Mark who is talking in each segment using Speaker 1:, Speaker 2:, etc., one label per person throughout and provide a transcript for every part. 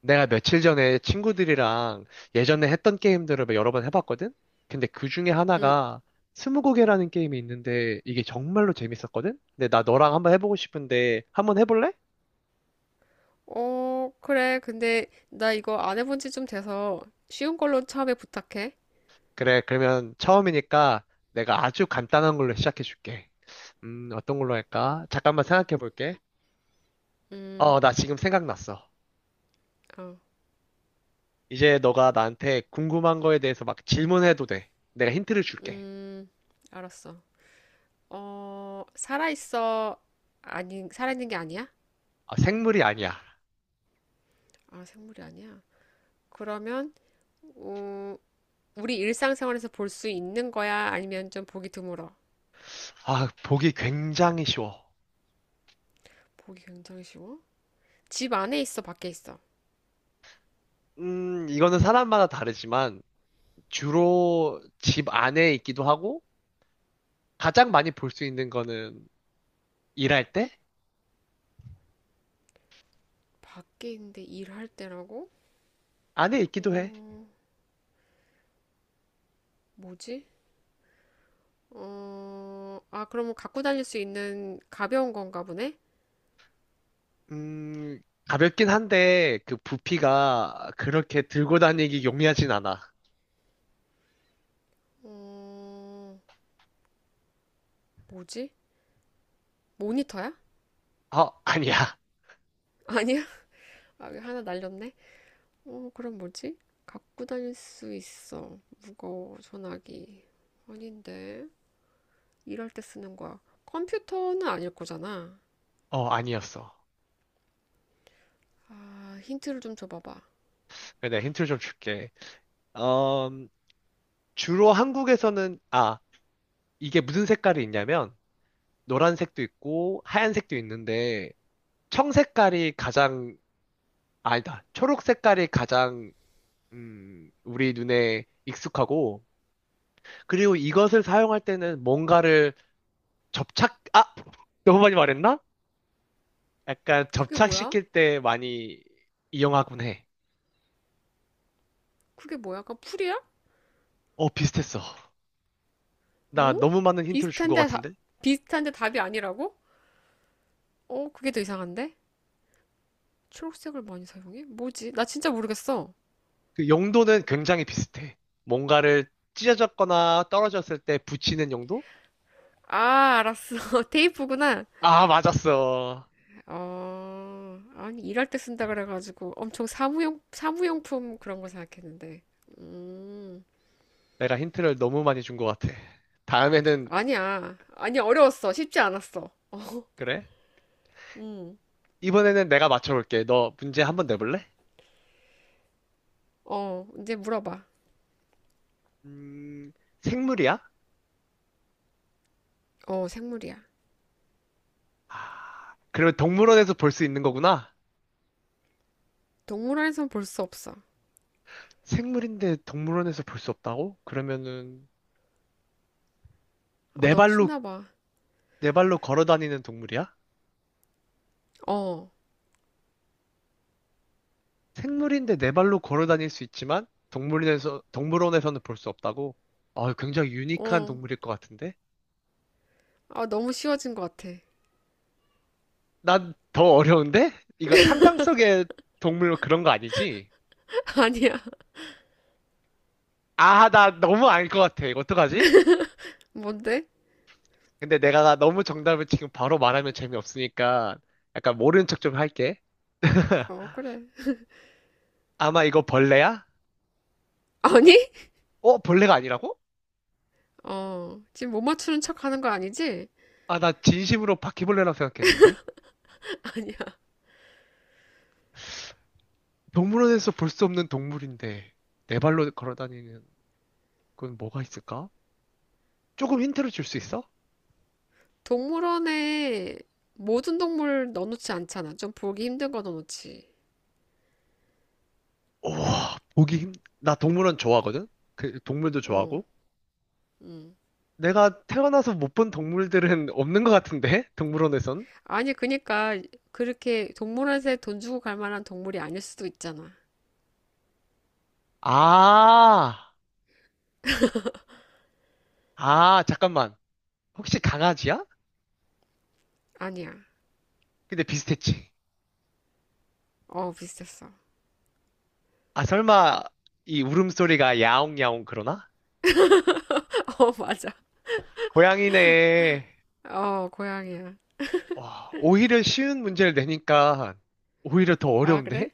Speaker 1: 내가 며칠 전에 친구들이랑 예전에 했던 게임들을 막 여러 번 해봤거든? 근데 그 중에
Speaker 2: 음,
Speaker 1: 하나가 스무고개라는 게임이 있는데 이게 정말로 재밌었거든? 근데 나 너랑 한번 해보고 싶은데 한번 해볼래?
Speaker 2: 어, 그래. 근데 나 이거 안 해본 지 좀 돼서 쉬운 걸로 처음에 부탁해.
Speaker 1: 그래, 그러면 처음이니까 내가 아주 간단한 걸로 시작해줄게. 어떤 걸로 할까? 잠깐만 생각해볼게.
Speaker 2: 음,
Speaker 1: 어, 나 지금 생각났어.
Speaker 2: 어,
Speaker 1: 이제 너가 나한테 궁금한 거에 대해서 막 질문해도 돼. 내가 힌트를 줄게.
Speaker 2: 음, 알았어. 어, 살아있어. 아니, 살아있는 게 아니야?
Speaker 1: 아, 생물이 아니야.
Speaker 2: 아, 생물이 아니야. 그러면, 어, 우리 일상생활에서 볼 수 있는 거야? 아니면 좀 보기 드물어?
Speaker 1: 아, 보기 굉장히 쉬워.
Speaker 2: 보기 굉장히 쉬워? 집 안에 있어, 밖에 있어?
Speaker 1: 이거는 사람마다 다르지만 주로 집 안에 있기도 하고 가장 많이 볼 수 있는 거는 일할 때
Speaker 2: 밖에 있는데 일할 때라고?
Speaker 1: 안에 있기도 해.
Speaker 2: 어, 뭐지? 어, 아, 그러면 갖고 다닐 수 있는 가벼운 건가 보네?
Speaker 1: 음, 가볍긴 한데 그 부피가 그렇게 들고 다니기 용이하진 않아.
Speaker 2: 어, 뭐지? 모니터야?
Speaker 1: 어, 아니야.
Speaker 2: 아니야? 아, 하나 날렸네? 어, 그럼 뭐지? 갖고 다닐 수 있어. 무거워, 전화기. 아닌데. 일할 때 쓰는 거야. 컴퓨터는 아닐 거잖아.
Speaker 1: 어, 아니었어.
Speaker 2: 아, 힌트를 좀 줘봐봐.
Speaker 1: 그래, 내가 힌트를 좀 줄게. 어, 주로 한국에서는 아, 이게 무슨 색깔이 있냐면 노란색도 있고 하얀색도 있는데 청색깔이 가장 아니다. 초록 색깔이 가장 우리 눈에 익숙하고, 그리고 이것을 사용할 때는 뭔가를 접착, 아! 너무 많이 말했나? 약간
Speaker 2: 그게 뭐야?
Speaker 1: 접착시킬 때 많이 이용하곤 해.
Speaker 2: 그게 뭐야? 약간 풀이야?
Speaker 1: 어, 비슷했어. 나
Speaker 2: 어?
Speaker 1: 너무 많은 힌트를 준 것
Speaker 2: 비슷한데, 다,
Speaker 1: 같은데?
Speaker 2: 비슷한데 답이 아니라고? 어, 그게 더 이상한데? 초록색을 많이 사용해? 뭐지? 나 진짜 모르겠어.
Speaker 1: 그 용도는 굉장히 비슷해. 뭔가를 찢어졌거나 떨어졌을 때 붙이는 용도?
Speaker 2: 아, 알았어. 테이프구나.
Speaker 1: 아, 맞았어.
Speaker 2: 어, 아니, 일할 때 쓴다 그래가지고 엄청 사무용품 그런 거 생각했는데. 음,
Speaker 1: 내가 힌트를 너무 많이 준 것 같아. 다음에는,
Speaker 2: 아니야. 아니, 어려웠어. 쉽지 않았어.
Speaker 1: 그래?
Speaker 2: 음,
Speaker 1: 이번에는 내가 맞춰볼게. 너 문제 한 번 내볼래?
Speaker 2: 어, 이제 물어봐.
Speaker 1: 음, 생물이야?
Speaker 2: 어, 생물이야.
Speaker 1: 아, 그러면 동물원에서 볼 수 있는 거구나?
Speaker 2: 동물원에선 볼 수 없어.
Speaker 1: 생물인데 동물원에서 볼 수 없다고? 그러면은
Speaker 2: 아,
Speaker 1: 네
Speaker 2: 너무
Speaker 1: 발로
Speaker 2: 쉽나 봐.
Speaker 1: 네 발로 걸어 다니는 동물이야?
Speaker 2: 어,
Speaker 1: 생물인데 네 발로 걸어 다닐 수 있지만 동물원에서는 볼 수 없다고? 아, 굉장히 유니크한
Speaker 2: 어.
Speaker 1: 동물일 것 같은데?
Speaker 2: 아, 너무 쉬워진 것 같아.
Speaker 1: 난 더 어려운데? 이거 상상 속의 동물 그런 거 아니지?
Speaker 2: 아니야.
Speaker 1: 아, 나 너무 알 것 같아. 이거 어떡하지?
Speaker 2: 뭔데?
Speaker 1: 근데 내가 너무 정답을 지금 바로 말하면 재미없으니까 약간 모르는 척 좀 할게.
Speaker 2: 어, 그래.
Speaker 1: 아마 이거 벌레야?
Speaker 2: 아니?
Speaker 1: 어, 벌레가 아니라고?
Speaker 2: 어, 지금 못 맞추는 척 하는 거 아니지?
Speaker 1: 아, 나 진심으로 바퀴벌레라고 생각했는데? 동물원에서 볼 수 없는 동물인데, 네 발로 걸어 다니는 건 뭐가 있을까? 조금 힌트를 줄 수 있어?
Speaker 2: 동물원에 모든 동물 넣어놓지 않잖아. 좀 보기 힘든 거 넣어놓지.
Speaker 1: 우와, 나 동물원 좋아하거든? 그, 동물도
Speaker 2: 어,
Speaker 1: 좋아하고?
Speaker 2: 음.
Speaker 1: 내가 태어나서 못 본 동물들은 없는 것 같은데? 동물원에선?
Speaker 2: 아니, 그니까, 그렇게 동물원에서 돈 주고 갈 만한 동물이 아닐 수도 있잖아.
Speaker 1: 아, 아, 잠깐만. 혹시 강아지야?
Speaker 2: 아니야.
Speaker 1: 근데 비슷했지.
Speaker 2: 어, 비슷했어.
Speaker 1: 아, 설마, 이 울음소리가 야옹야옹 그러나?
Speaker 2: 어, 맞아.
Speaker 1: 고양이네.
Speaker 2: 어, 고양이야.
Speaker 1: 와, 오히려 쉬운 문제를 내니까 오히려 더
Speaker 2: 아,
Speaker 1: 어려운데?
Speaker 2: 그래?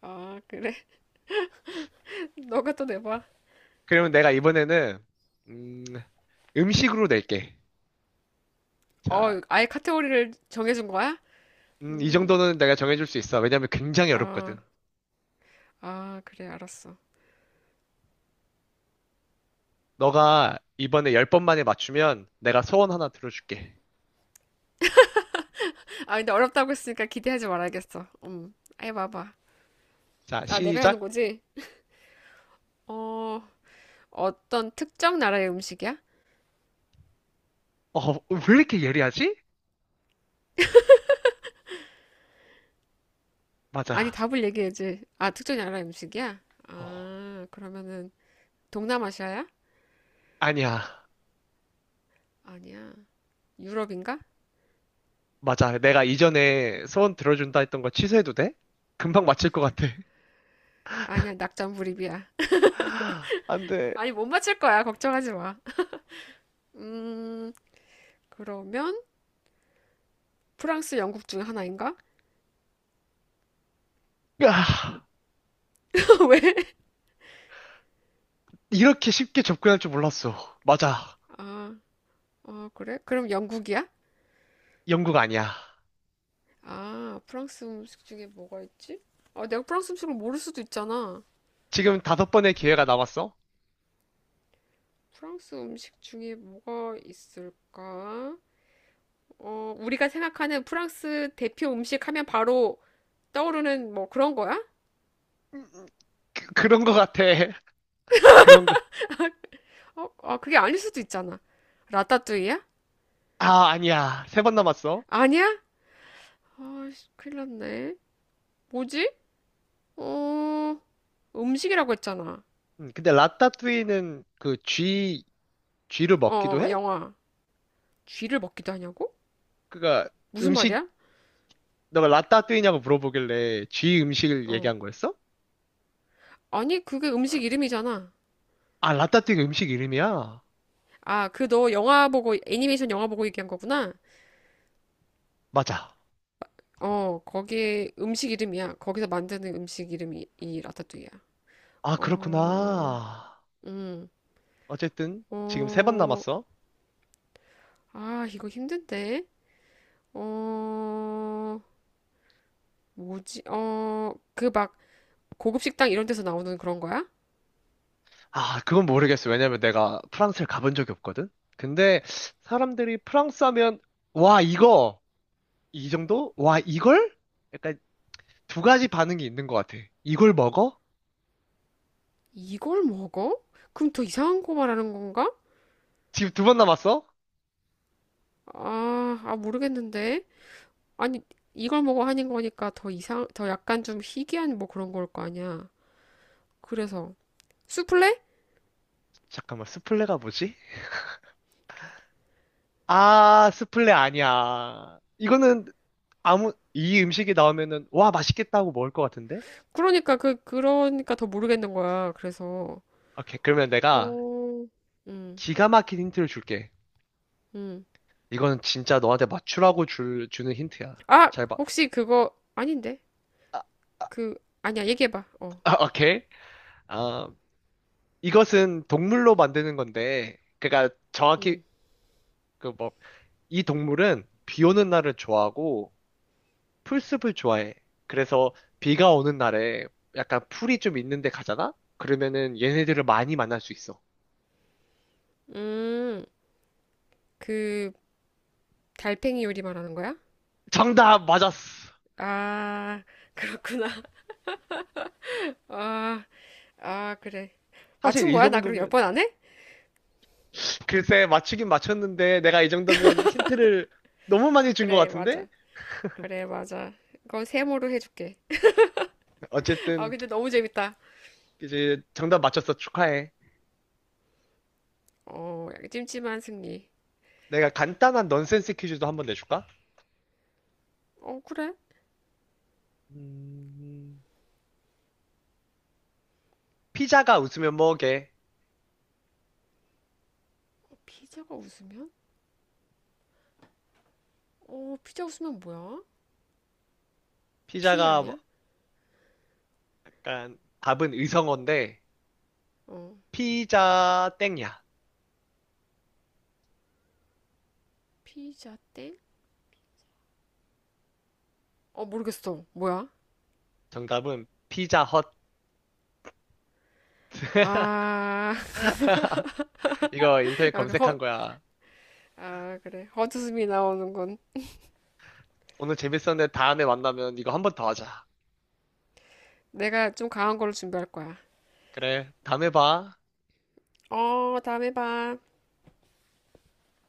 Speaker 2: 아, 그래? 너가 또 내봐.
Speaker 1: 그러면 내가 이번에는 음, 음식으로 낼게. 자,
Speaker 2: 어, 아예 카테고리를 정해준 거야?
Speaker 1: 이
Speaker 2: 음,
Speaker 1: 정도는 내가 정해줄 수 있어. 왜냐면 굉장히
Speaker 2: 아,
Speaker 1: 어렵거든.
Speaker 2: 아, 그래, 알았어.
Speaker 1: 너가 이번에 열 번 만에 맞추면 내가 소원 하나 들어줄게.
Speaker 2: 아, 근데 어렵다고 했으니까 기대하지 말아야겠어. 아예 봐봐.
Speaker 1: 자,
Speaker 2: 아, 내가 하는
Speaker 1: 시작.
Speaker 2: 거지? 어, 어떤 특정 나라의 음식이야?
Speaker 1: 어, 왜 이렇게 예리하지?
Speaker 2: 아니,
Speaker 1: 맞아.
Speaker 2: 답을 얘기해야지. 아, 특정 나라의 음식이야?
Speaker 1: 어,
Speaker 2: 아, 그러면은 동남아시아야?
Speaker 1: 아니야.
Speaker 2: 아니야. 유럽인가?
Speaker 1: 맞아. 내가 이전에 소원 들어준다 했던 거 취소해도 돼? 금방 맞힐 것 같아.
Speaker 2: 아니야, 낙장불입이야.
Speaker 1: 안 돼.
Speaker 2: 아니, 못 맞힐 거야. 걱정하지 마. 음, 그러면 프랑스, 영국 중에 하나인가?
Speaker 1: 으아.
Speaker 2: 왜?
Speaker 1: 이렇게 쉽게 접근할 줄 몰랐어. 맞아.
Speaker 2: 아, 아, 그래? 그럼 영국이야?
Speaker 1: 영국 아니야.
Speaker 2: 아, 프랑스 음식 중에 뭐가 있지? 아, 내가 프랑스 음식을 모를 수도 있잖아.
Speaker 1: 지금 다섯 번의 기회가 남았어?
Speaker 2: 프랑스 음식 중에 뭐가 있을까? 어, 우리가 생각하는 프랑스 대표 음식 하면 바로 떠오르는 뭐 그런 거야?
Speaker 1: 그 런거 같아. 그런 거.
Speaker 2: 어, 아, 그게 아닐 수도 있잖아. 라따뚜이야?
Speaker 1: 아, 아니야. 세 번 남았어.
Speaker 2: 아니야? 아, 씨, 큰일 났네. 뭐지? 어, 음식이라고 했잖아.
Speaker 1: 근데 라따뚜이는 그 쥐를
Speaker 2: 어,
Speaker 1: 먹기도
Speaker 2: 어,
Speaker 1: 해?
Speaker 2: 영화. 쥐를 먹기도 하냐고?
Speaker 1: 그니까
Speaker 2: 무슨
Speaker 1: 음식,
Speaker 2: 말이야?
Speaker 1: 너가 라따뚜이냐고 물어보길래 쥐 음식을
Speaker 2: 어.
Speaker 1: 얘기한 거였어?
Speaker 2: 아니, 그게 음식 이름이잖아.
Speaker 1: 아, 라따뚜이가 음식 이름이야?
Speaker 2: 아, 그 너 영화 보고, 애니메이션 영화 보고 얘기한 거구나.
Speaker 1: 맞아.
Speaker 2: 어, 거기 음식 이름이야. 거기서 만드는 음식 이름이 이 라따뚜이야.
Speaker 1: 아,
Speaker 2: 어,
Speaker 1: 그렇구나.
Speaker 2: 음.
Speaker 1: 어쨌든 지금 세 번
Speaker 2: 어,
Speaker 1: 남았어.
Speaker 2: 아, 이거 힘든데? 어, 뭐지? 어, 그 막 고급 식당 이런 데서 나오는 그런 거야?
Speaker 1: 아, 그건 모르겠어. 왜냐면 내가 프랑스를 가본 적이 없거든? 근데 사람들이 프랑스 하면, 와, 이거! 이 정도? 와, 이걸? 약간 두 가지 반응이 있는 것 같아. 이걸 먹어?
Speaker 2: 이걸 먹어? 그럼 더 이상한 거 말하는 건가?
Speaker 1: 지금 두 번 남았어?
Speaker 2: 아, 아, 모르겠는데. 아니, 이걸 먹어 하는 거니까 더 약간 좀 희귀한 뭐 그런 걸 거 아니야. 그래서. 수플레?
Speaker 1: 잠깐만, 스플레가 뭐지? 아, 스플레 아니야. 이거는 아무, 이 음식이 나오면은, 와, 맛있겠다고 먹을 것 같은데?
Speaker 2: 그러니까 더 모르겠는 거야. 그래서.
Speaker 1: 오케이, 그러면 내가
Speaker 2: 어, 음,
Speaker 1: 기가 막힌 힌트를 줄게.
Speaker 2: 음.
Speaker 1: 이거는 진짜 너한테 맞추라고 주는 힌트야.
Speaker 2: 아,
Speaker 1: 잘 봐.
Speaker 2: 혹시 그거 아닌데?
Speaker 1: 아,
Speaker 2: 그, 아니야, 얘기해봐. 어.
Speaker 1: 아, 오케이. 아, 이것은 동물로 만드는 건데, 그러니까 정확히
Speaker 2: 음.
Speaker 1: 그 뭐 이 동물은 비 오는 날을 좋아하고 풀숲을 좋아해. 그래서 비가 오는 날에 약간 풀이 좀 있는 데 가잖아? 그러면은 얘네들을 많이 만날 수 있어.
Speaker 2: 음, 그 달팽이 요리 말하는 거야?
Speaker 1: 정답 맞았어.
Speaker 2: 아, 그렇구나. 아, 아, 그래.
Speaker 1: 사실
Speaker 2: 맞춘
Speaker 1: 이
Speaker 2: 거야? 나 그럼 열
Speaker 1: 정도면
Speaker 2: 번 안 해?
Speaker 1: 글쎄 맞추긴 맞췄는데 내가 이 정도면 힌트를 너무 많이 준 것
Speaker 2: 그래,
Speaker 1: 같은데?
Speaker 2: 맞아. 그래, 맞아. 그건 세모로 해줄게. 아,
Speaker 1: 어쨌든
Speaker 2: 근데 너무 재밌다.
Speaker 1: 이제 정답 맞췄어. 축하해.
Speaker 2: 어, 약간 찜찜한 승리.
Speaker 1: 내가 간단한 넌센스 퀴즈도 한번 내줄까?
Speaker 2: 어, 그래?
Speaker 1: 음... 피자가 웃으면 뭐게?
Speaker 2: 피자가 웃으면? 어, 피자 웃으면 뭐야? 피
Speaker 1: 피자가 뭐-
Speaker 2: 아니야?
Speaker 1: 약간 답은 의성어인데
Speaker 2: 어,
Speaker 1: 피자 땡이야.
Speaker 2: 피자 땡? 어, 모르겠어. 뭐야?
Speaker 1: 정답은 피자 헛.
Speaker 2: 아,
Speaker 1: 이거 인터넷
Speaker 2: 아, 그 허,
Speaker 1: 검색한 거야.
Speaker 2: 아, 그래. 헛웃음이 나오는군.
Speaker 1: 오늘 재밌었는데 다음에 만나면 이거 한 번 더 하자.
Speaker 2: 내가 좀 강한 걸로 준비할 거야.
Speaker 1: 그래, 다음에 봐.
Speaker 2: 어, 다음에 봐.